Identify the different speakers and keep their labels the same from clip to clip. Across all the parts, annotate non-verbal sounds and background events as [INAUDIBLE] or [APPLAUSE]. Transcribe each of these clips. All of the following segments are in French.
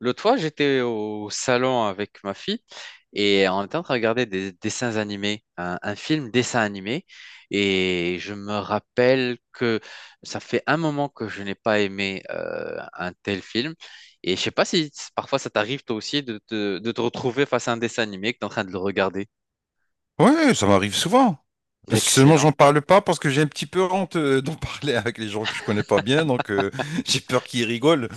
Speaker 1: L'autre fois, j'étais au salon avec ma fille et on était en train de regarder des dessins animés, un film dessin animé. Et je me rappelle que ça fait un moment que je n'ai pas aimé un tel film. Et je sais pas si parfois ça t'arrive toi aussi de te retrouver face à un dessin animé que tu es en train de le regarder.
Speaker 2: Ouais, ça m'arrive souvent. Seulement,
Speaker 1: Excellent.
Speaker 2: j'en parle pas parce que j'ai un petit peu honte d'en [LAUGHS] parler avec les gens que je connais pas bien, donc [LAUGHS] j'ai peur qu'ils rigolent.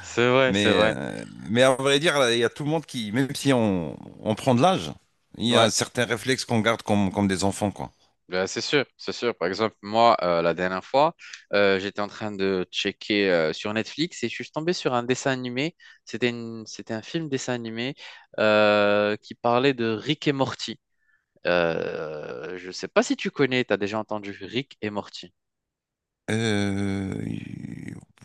Speaker 1: C'est vrai, c'est
Speaker 2: Mais,
Speaker 1: vrai.
Speaker 2: euh, mais à vrai dire, là, il y a tout le monde qui, même si on prend de l'âge, il y
Speaker 1: Ouais.
Speaker 2: a certains réflexes qu'on garde comme des enfants, quoi.
Speaker 1: Ben, c'est sûr, c'est sûr. Par exemple, moi, la dernière fois, j'étais en train de checker sur Netflix et je suis tombé sur un dessin animé. C'était un film dessin animé qui parlait de Rick et Morty. Je ne sais pas si tu connais, tu as déjà entendu Rick et Morty.
Speaker 2: Euh,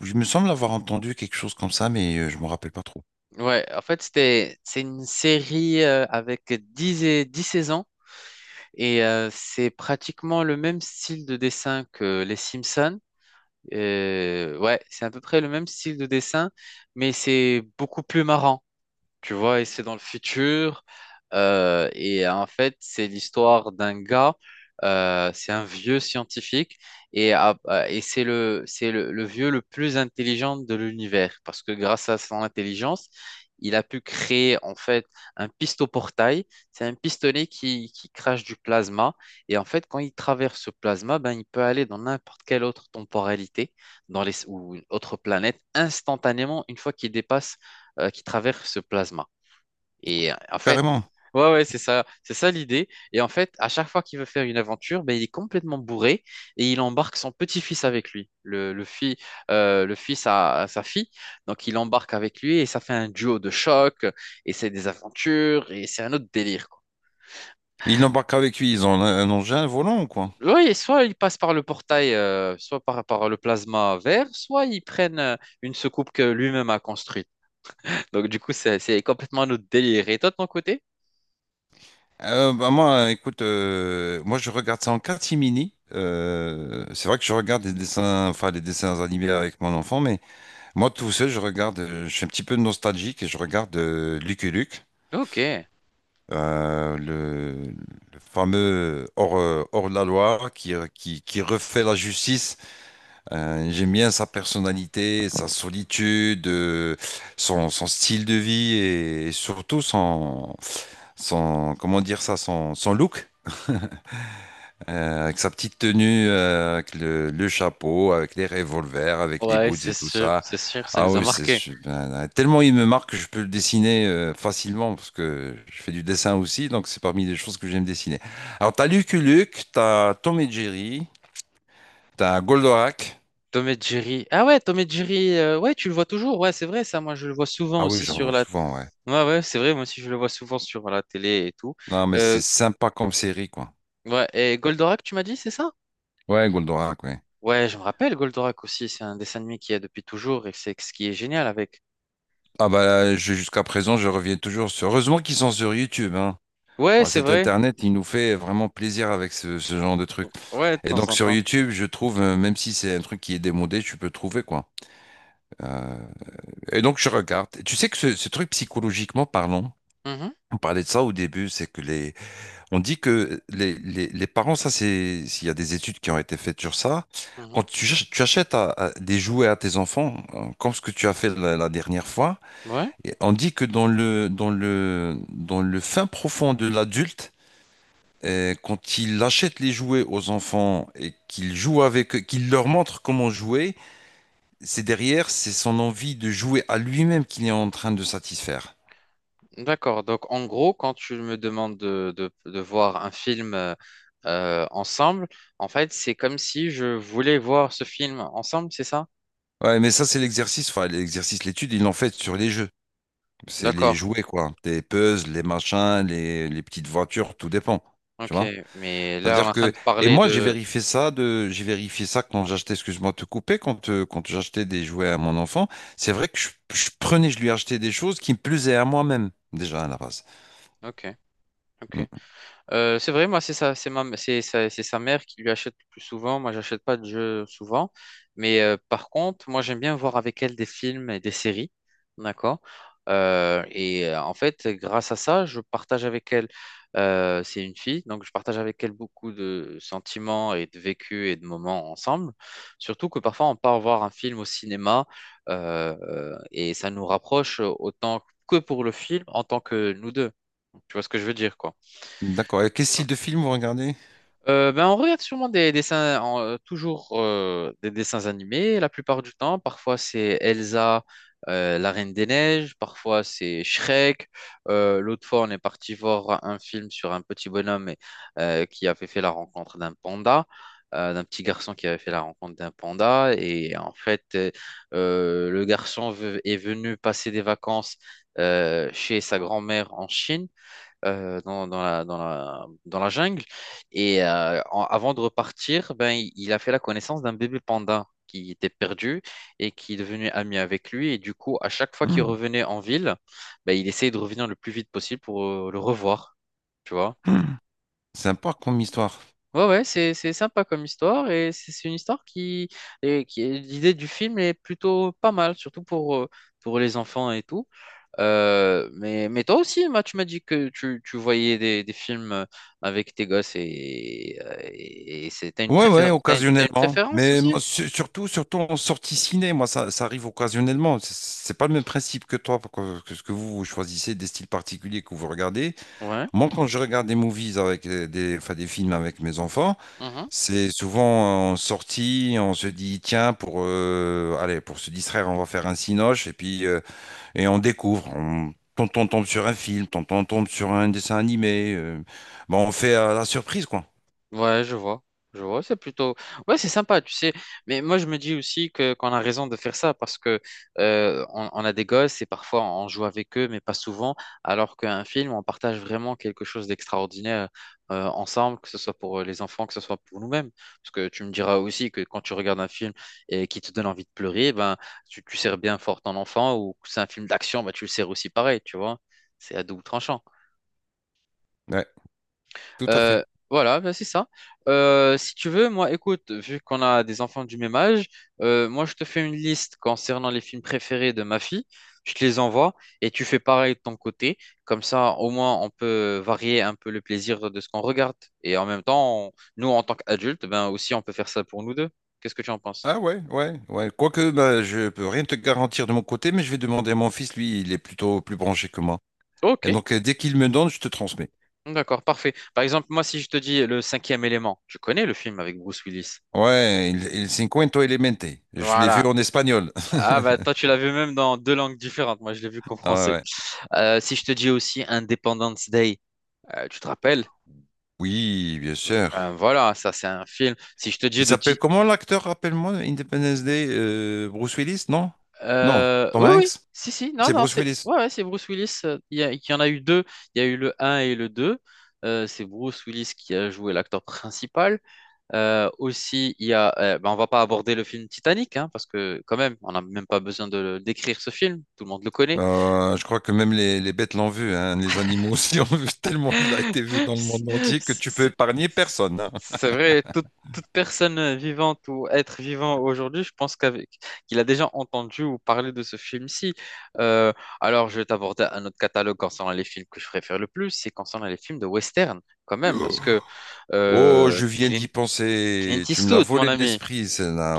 Speaker 2: je me semble avoir entendu quelque chose comme ça, mais je me rappelle pas trop.
Speaker 1: Ouais, en fait, c'est une série avec 10 saisons et c'est pratiquement le même style de dessin que Les Simpsons. Ouais, c'est à peu près le même style de dessin, mais c'est beaucoup plus marrant tu vois, et c'est dans le futur. Et en fait, c'est l'histoire d'un gars, c'est un vieux scientifique, et, et c'est le, le vieux le plus intelligent de l'univers, parce que grâce à son intelligence, il a pu créer en fait un pistoportail. C'est un pistolet qui crache du plasma, et en fait, quand il traverse ce plasma, ben, il peut aller dans n'importe quelle autre temporalité, ou une autre planète, instantanément, une fois qu'il dépasse, qu'il traverse ce plasma. Et en fait,
Speaker 2: Carrément.
Speaker 1: ouais, ouais, c'est ça l'idée. Et en fait, à chaque fois qu'il veut faire une aventure, ben, il est complètement bourré et il embarque son petit-fils avec lui, le fils à sa fille. Donc, il embarque avec lui et ça fait un duo de choc et c'est des aventures et c'est un autre délire, quoi.
Speaker 2: Ils n'embarquent avec lui, ils ont un engin volant, quoi.
Speaker 1: Oui, soit ils passent par le portail, soit par, par le plasma vert, soit ils prennent une soucoupe que lui-même a construite. Donc, du coup, c'est complètement un autre délire. Et toi, de ton côté?
Speaker 2: Bah moi, écoute, moi je regarde ça en catimini. C'est vrai que je regarde des dessins, enfin des dessins animés avec mon enfant, mais moi tout seul, je suis un petit peu nostalgique et je regarde Lucky Luke,
Speaker 1: Ok.
Speaker 2: le fameux hors la loi qui refait la justice. J'aime bien sa personnalité, sa solitude, son style de vie et, surtout comment dire ça, son look. Avec sa petite tenue, avec le chapeau, avec les revolvers, avec les
Speaker 1: Ouais,
Speaker 2: boots et tout ça.
Speaker 1: c'est sûr, ça
Speaker 2: Ah
Speaker 1: nous a
Speaker 2: oui,
Speaker 1: marqué.
Speaker 2: ben, tellement il me marque que je peux le dessiner facilement parce que je fais du dessin aussi, donc c'est parmi les choses que j'aime dessiner. Alors t'as Lucky Luke, t'as Tom et Jerry, t'as Goldorak.
Speaker 1: Tom et Jerry. Ah ouais, Tom et Jerry, ouais, tu le vois toujours. Ouais, c'est vrai, ça, moi, je le vois souvent
Speaker 2: Ah oui,
Speaker 1: aussi
Speaker 2: j'en
Speaker 1: sur
Speaker 2: vois
Speaker 1: la.
Speaker 2: souvent, ouais.
Speaker 1: Ouais, ouais, c'est vrai, moi aussi, je le vois souvent sur la télé et tout.
Speaker 2: Non, mais
Speaker 1: Euh,
Speaker 2: c'est sympa comme série, quoi.
Speaker 1: ouais, et Goldorak, tu m'as dit, c'est ça?
Speaker 2: Ouais, Goldorak, ouais.
Speaker 1: Ouais, je me rappelle, Goldorak aussi, c'est un dessin animé qu'il y a depuis toujours et c'est ce qui est génial avec.
Speaker 2: Ah bah, jusqu'à présent, je reviens toujours sur. Heureusement qu'ils sont sur YouTube, hein.
Speaker 1: Ouais,
Speaker 2: Bon,
Speaker 1: c'est
Speaker 2: cet
Speaker 1: vrai.
Speaker 2: Internet, il nous fait vraiment plaisir avec ce genre de truc.
Speaker 1: Ouais, de
Speaker 2: Et
Speaker 1: temps
Speaker 2: donc
Speaker 1: en
Speaker 2: sur
Speaker 1: temps.
Speaker 2: YouTube, je trouve, même si c'est un truc qui est démodé, tu peux trouver quoi. Euh, et donc je regarde. Et tu sais que ce truc psychologiquement parlant,
Speaker 1: Mhm,
Speaker 2: on parlait de ça au début, c'est que on dit que les parents, ça c'est, s'il y a des études qui ont été faites sur ça, quand
Speaker 1: mhm.
Speaker 2: tu achètes à des jouets à tes enfants, comme ce que tu as fait la dernière fois,
Speaker 1: Ouais.
Speaker 2: et on dit que dans le fin profond de l'adulte, et quand il achète les jouets aux enfants et qu'il joue avec eux, qu'il leur montre comment jouer, c'est derrière, c'est son envie de jouer à lui-même qu'il est en train de satisfaire.
Speaker 1: D'accord. Donc, en gros, quand tu me demandes de voir un film ensemble, en fait, c'est comme si je voulais voir ce film ensemble, c'est ça?
Speaker 2: Ouais, mais ça, c'est l'exercice, enfin, l'exercice, l'étude, ils l'ont fait sur les jeux. C'est les
Speaker 1: D'accord.
Speaker 2: jouets, quoi. Les puzzles, les machins, les petites voitures, tout dépend. Tu
Speaker 1: Ok.
Speaker 2: vois?
Speaker 1: Mais là, on est
Speaker 2: C'est-à-dire
Speaker 1: en train
Speaker 2: que,
Speaker 1: de
Speaker 2: et
Speaker 1: parler
Speaker 2: moi,
Speaker 1: de...
Speaker 2: j'ai vérifié ça quand j'achetais, excuse-moi de te couper, quand, quand j'achetais des jouets à mon enfant. C'est vrai que je prenais, je lui achetais des choses qui me plaisaient à moi-même, déjà, à la base.
Speaker 1: Ok. Ok. C'est vrai, moi, c'est sa, c'est ma, c'est sa mère qui lui achète le plus souvent. Moi, j'achète pas de jeux souvent. Mais par contre, moi, j'aime bien voir avec elle des films et des séries. D'accord? En fait, grâce à ça, je partage avec elle. C'est une fille, donc je partage avec elle beaucoup de sentiments et de vécus et de moments ensemble. Surtout que parfois, on part voir un film au cinéma et ça nous rapproche autant que pour le film en tant que nous deux. Tu vois ce que je veux dire, quoi.
Speaker 2: Mm. D'accord. Et quel style de film vous regardez?
Speaker 1: Ben on regarde sûrement des dessins, toujours des dessins animés la plupart du temps. Parfois c'est Elsa, la Reine des Neiges, parfois c'est Shrek. L'autre fois on est parti voir un film sur un petit bonhomme qui avait fait la rencontre d'un panda, d'un petit garçon qui avait fait la rencontre d'un panda. Et en fait est venu passer des vacances chez sa grand-mère en Chine dans la jungle. Et avant de repartir, ben, il a fait la connaissance d'un bébé panda qui était perdu et qui est devenu ami avec lui. Et du coup, à chaque fois qu'il
Speaker 2: Mm.
Speaker 1: revenait en ville, ben, il essayait de revenir le plus vite possible pour le revoir. Tu vois?
Speaker 2: Mm. C'est un parc comme histoire.
Speaker 1: Ouais, ouais, c'est sympa comme histoire et c'est une histoire qui, et qui l'idée du film est plutôt pas mal, surtout pour les enfants et tout. Mais toi aussi, Emma, tu m'as dit que tu voyais des films avec tes gosses et c'est,
Speaker 2: Ouais, ouais,
Speaker 1: t'as une
Speaker 2: occasionnellement.
Speaker 1: préférence
Speaker 2: Mais
Speaker 1: aussi?
Speaker 2: moi, surtout, surtout en sortie ciné, moi, ça arrive occasionnellement. C'est pas le même principe que toi, parce que ce que vous, vous choisissez des styles particuliers que vous regardez.
Speaker 1: Ouais.
Speaker 2: Moi, quand je regarde des movies avec enfin, des films avec mes enfants, c'est souvent en sortie, on se dit, tiens, allez, pour se distraire, on va faire un cinoche. Et puis, et on découvre, on, tonton tombe sur un film, tonton tombe sur un dessin animé. Bon, on fait à la surprise, quoi.
Speaker 1: Ouais, je vois. Je vois, c'est plutôt... Ouais, c'est sympa, tu sais. Mais moi, je me dis aussi que qu'on a raison de faire ça parce que on a des gosses et parfois on joue avec eux, mais pas souvent. Alors qu'un film, on partage vraiment quelque chose d'extraordinaire ensemble, que ce soit pour les enfants, que ce soit pour nous-mêmes. Parce que tu me diras aussi que quand tu regardes un film et qui te donne envie de pleurer, ben, tu serres bien fort ton enfant ou que c'est un film d'action, ben, tu le serres aussi pareil, tu vois. C'est à double tranchant.
Speaker 2: Ouais, tout à fait.
Speaker 1: Euh, voilà, bah, c'est ça. Si tu veux, moi, écoute, vu qu'on a des enfants du même âge, moi, je te fais une liste concernant les films préférés de ma fille. Je te les envoie et tu fais pareil de ton côté. Comme ça, au moins, on peut varier un peu le plaisir de ce qu'on regarde. Et en même temps, nous, en tant qu'adultes, ben aussi, on peut faire ça pour nous deux. Qu'est-ce que tu en penses?
Speaker 2: Ah ouais, ouais, ouais. Quoique, bah, je peux rien te garantir de mon côté, mais je vais demander à mon fils, lui, il est plutôt plus branché que moi.
Speaker 1: Ok,
Speaker 2: Et donc, dès qu'il me donne, je te transmets.
Speaker 1: d'accord, parfait. Par exemple, moi, si je te dis Le Cinquième Élément, tu connais le film avec Bruce Willis?
Speaker 2: Ouais, il cinquento elemente. Je l'ai vu
Speaker 1: Voilà.
Speaker 2: en espagnol.
Speaker 1: Ah, bah, toi,
Speaker 2: [LAUGHS]
Speaker 1: tu l'as vu même dans deux langues différentes. Moi, je l'ai vu qu'en
Speaker 2: Ah
Speaker 1: français.
Speaker 2: ouais. Ouais.
Speaker 1: Si je te dis aussi Independence Day, tu te rappelles?
Speaker 2: Oui, bien sûr.
Speaker 1: Voilà, ça c'est un film. Si je te
Speaker 2: Il
Speaker 1: dis
Speaker 2: s'appelle comment l'acteur, rappelle-moi, Independence Day, Bruce Willis, non? Non, Tom
Speaker 1: Oui, oui,
Speaker 2: Hanks?
Speaker 1: si, si, non,
Speaker 2: C'est
Speaker 1: non,
Speaker 2: Bruce
Speaker 1: c'est
Speaker 2: Willis.
Speaker 1: ouais, ouais, c'est Bruce Willis. Il y, il y en a eu deux. Il y a eu le un et le 2. C'est Bruce Willis qui a joué l'acteur principal. Aussi, il y a, ben, on va pas aborder le film Titanic, hein, parce que quand même, on n'a même pas besoin d'écrire ce film. Tout le monde le connaît.
Speaker 2: Je crois que même les bêtes l'ont vu, hein. Les animaux aussi l'ont vu [LAUGHS] tellement il a été vu dans le monde
Speaker 1: C'est
Speaker 2: entier que tu peux
Speaker 1: c'est-
Speaker 2: épargner personne, hein.
Speaker 1: c'est vrai, toute personne vivante ou être vivant aujourd'hui, je pense qu'il a déjà entendu ou parlé de ce film-ci. Euh, alors, je vais t'aborder un autre catalogue concernant les films que je préfère le plus, c'est concernant les films de western, quand même, parce que
Speaker 2: [GASPS] Oh,
Speaker 1: euh,
Speaker 2: je viens
Speaker 1: Clint,
Speaker 2: d'y
Speaker 1: Clint
Speaker 2: penser. Tu me l'as
Speaker 1: Eastwood, mon
Speaker 2: volé de
Speaker 1: ami.
Speaker 2: l'esprit,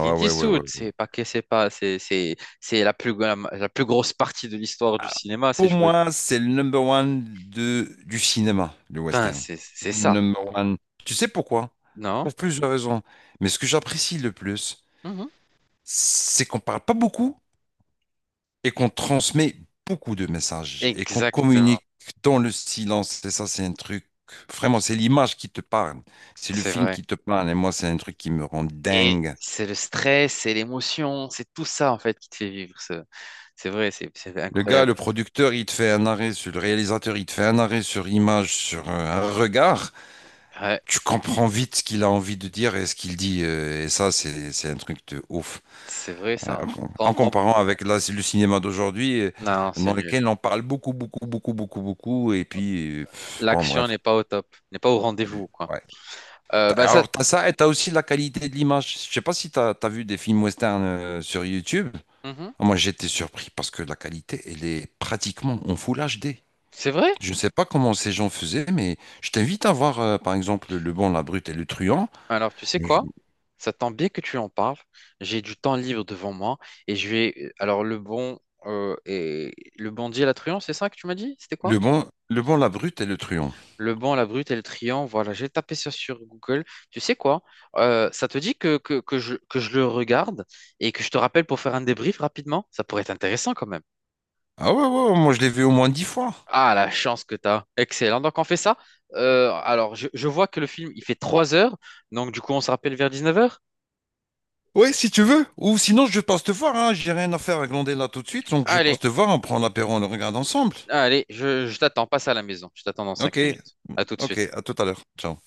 Speaker 1: Clint
Speaker 2: Ouais, ouais, ouais,
Speaker 1: Eastwood,
Speaker 2: ouais. Ouais.
Speaker 1: c'est pas que c'est pas, c'est la plus la plus grosse partie de l'histoire du cinéma, c'est
Speaker 2: Pour
Speaker 1: jouer.
Speaker 2: moi, c'est le number one du cinéma, le
Speaker 1: Putain,
Speaker 2: western.
Speaker 1: c'est
Speaker 2: C'est
Speaker 1: c'est
Speaker 2: le
Speaker 1: ça,
Speaker 2: number one. Tu sais pourquoi?
Speaker 1: non?
Speaker 2: Pour plusieurs raisons. Mais ce que j'apprécie le plus,
Speaker 1: Mhm.
Speaker 2: c'est qu'on parle pas beaucoup, et qu'on transmet beaucoup de messages et qu'on
Speaker 1: Exactement.
Speaker 2: communique dans le silence. Et ça, c'est un truc, vraiment, c'est l'image qui te parle. C'est le
Speaker 1: C'est
Speaker 2: film
Speaker 1: vrai.
Speaker 2: qui te parle. Et moi, c'est un truc qui me rend
Speaker 1: Et
Speaker 2: dingue.
Speaker 1: c'est le stress, c'est l'émotion, c'est tout ça en fait qui te fait vivre. C'est vrai, c'est
Speaker 2: Le gars,
Speaker 1: incroyable.
Speaker 2: le producteur, il te fait un arrêt sur le réalisateur, il te fait un arrêt sur image, sur un regard.
Speaker 1: Ouais,
Speaker 2: Tu comprends vite ce qu'il a envie de dire et ce qu'il dit. Et ça, c'est un truc de ouf.
Speaker 1: c'est vrai
Speaker 2: Euh,
Speaker 1: ça.
Speaker 2: En
Speaker 1: On- on-
Speaker 2: comparant avec là, le cinéma d'aujourd'hui,
Speaker 1: Non,
Speaker 2: dans
Speaker 1: c'est nul.
Speaker 2: lequel on parle beaucoup, beaucoup, beaucoup, beaucoup, beaucoup. Et puis, bon,
Speaker 1: L'action
Speaker 2: bref.
Speaker 1: n'est pas au top, n'est pas au rendez-vous, quoi.
Speaker 2: Ouais.
Speaker 1: Euh, bah ça,
Speaker 2: Alors, t'as ça et t'as aussi la qualité de l'image. Je sais pas si t'as vu des films western sur YouTube.
Speaker 1: Mhm.
Speaker 2: Moi, j'étais surpris parce que la qualité, elle est pratiquement en full HD.
Speaker 1: C'est vrai.
Speaker 2: Je ne sais pas comment ces gens faisaient, mais je t'invite à voir, par exemple, Le Bon, la Brute et le Truand.
Speaker 1: Alors, tu sais
Speaker 2: Je-
Speaker 1: quoi? Ça tombe bien que tu en parles. J'ai du temps libre devant moi et je vais. Alors, le bon et le bon Dieu la truand, c'est ça que tu m'as dit? C'était quoi?
Speaker 2: Le Bon, la Brute et le Truand.
Speaker 1: Le banc, la brute et le triangle, voilà, j'ai tapé ça sur Google. Tu sais quoi? Ça te dit que je le regarde et que je te rappelle pour faire un débrief rapidement? Ça pourrait être intéressant quand même.
Speaker 2: Ah ouais, ouais, ouais, moi, je l'ai vu au moins 10 fois.
Speaker 1: Ah, la chance que tu as. Excellent. Donc, on fait ça. Je vois que le film, il fait 3 heures. Donc, du coup, on se rappelle vers 19 heures.
Speaker 2: Ouais, si tu veux. Ou sinon, je passe te voir. Hein. J'ai rien à faire à glander là tout de suite. Donc, je
Speaker 1: Allez,
Speaker 2: passe te voir. On prend l'apéro, on le regarde ensemble.
Speaker 1: allez, je t'attends. Passe à la maison. Je t'attends dans
Speaker 2: Ok,
Speaker 1: 5 minutes. À tout de
Speaker 2: ok.
Speaker 1: suite.
Speaker 2: À tout à l'heure. Ciao.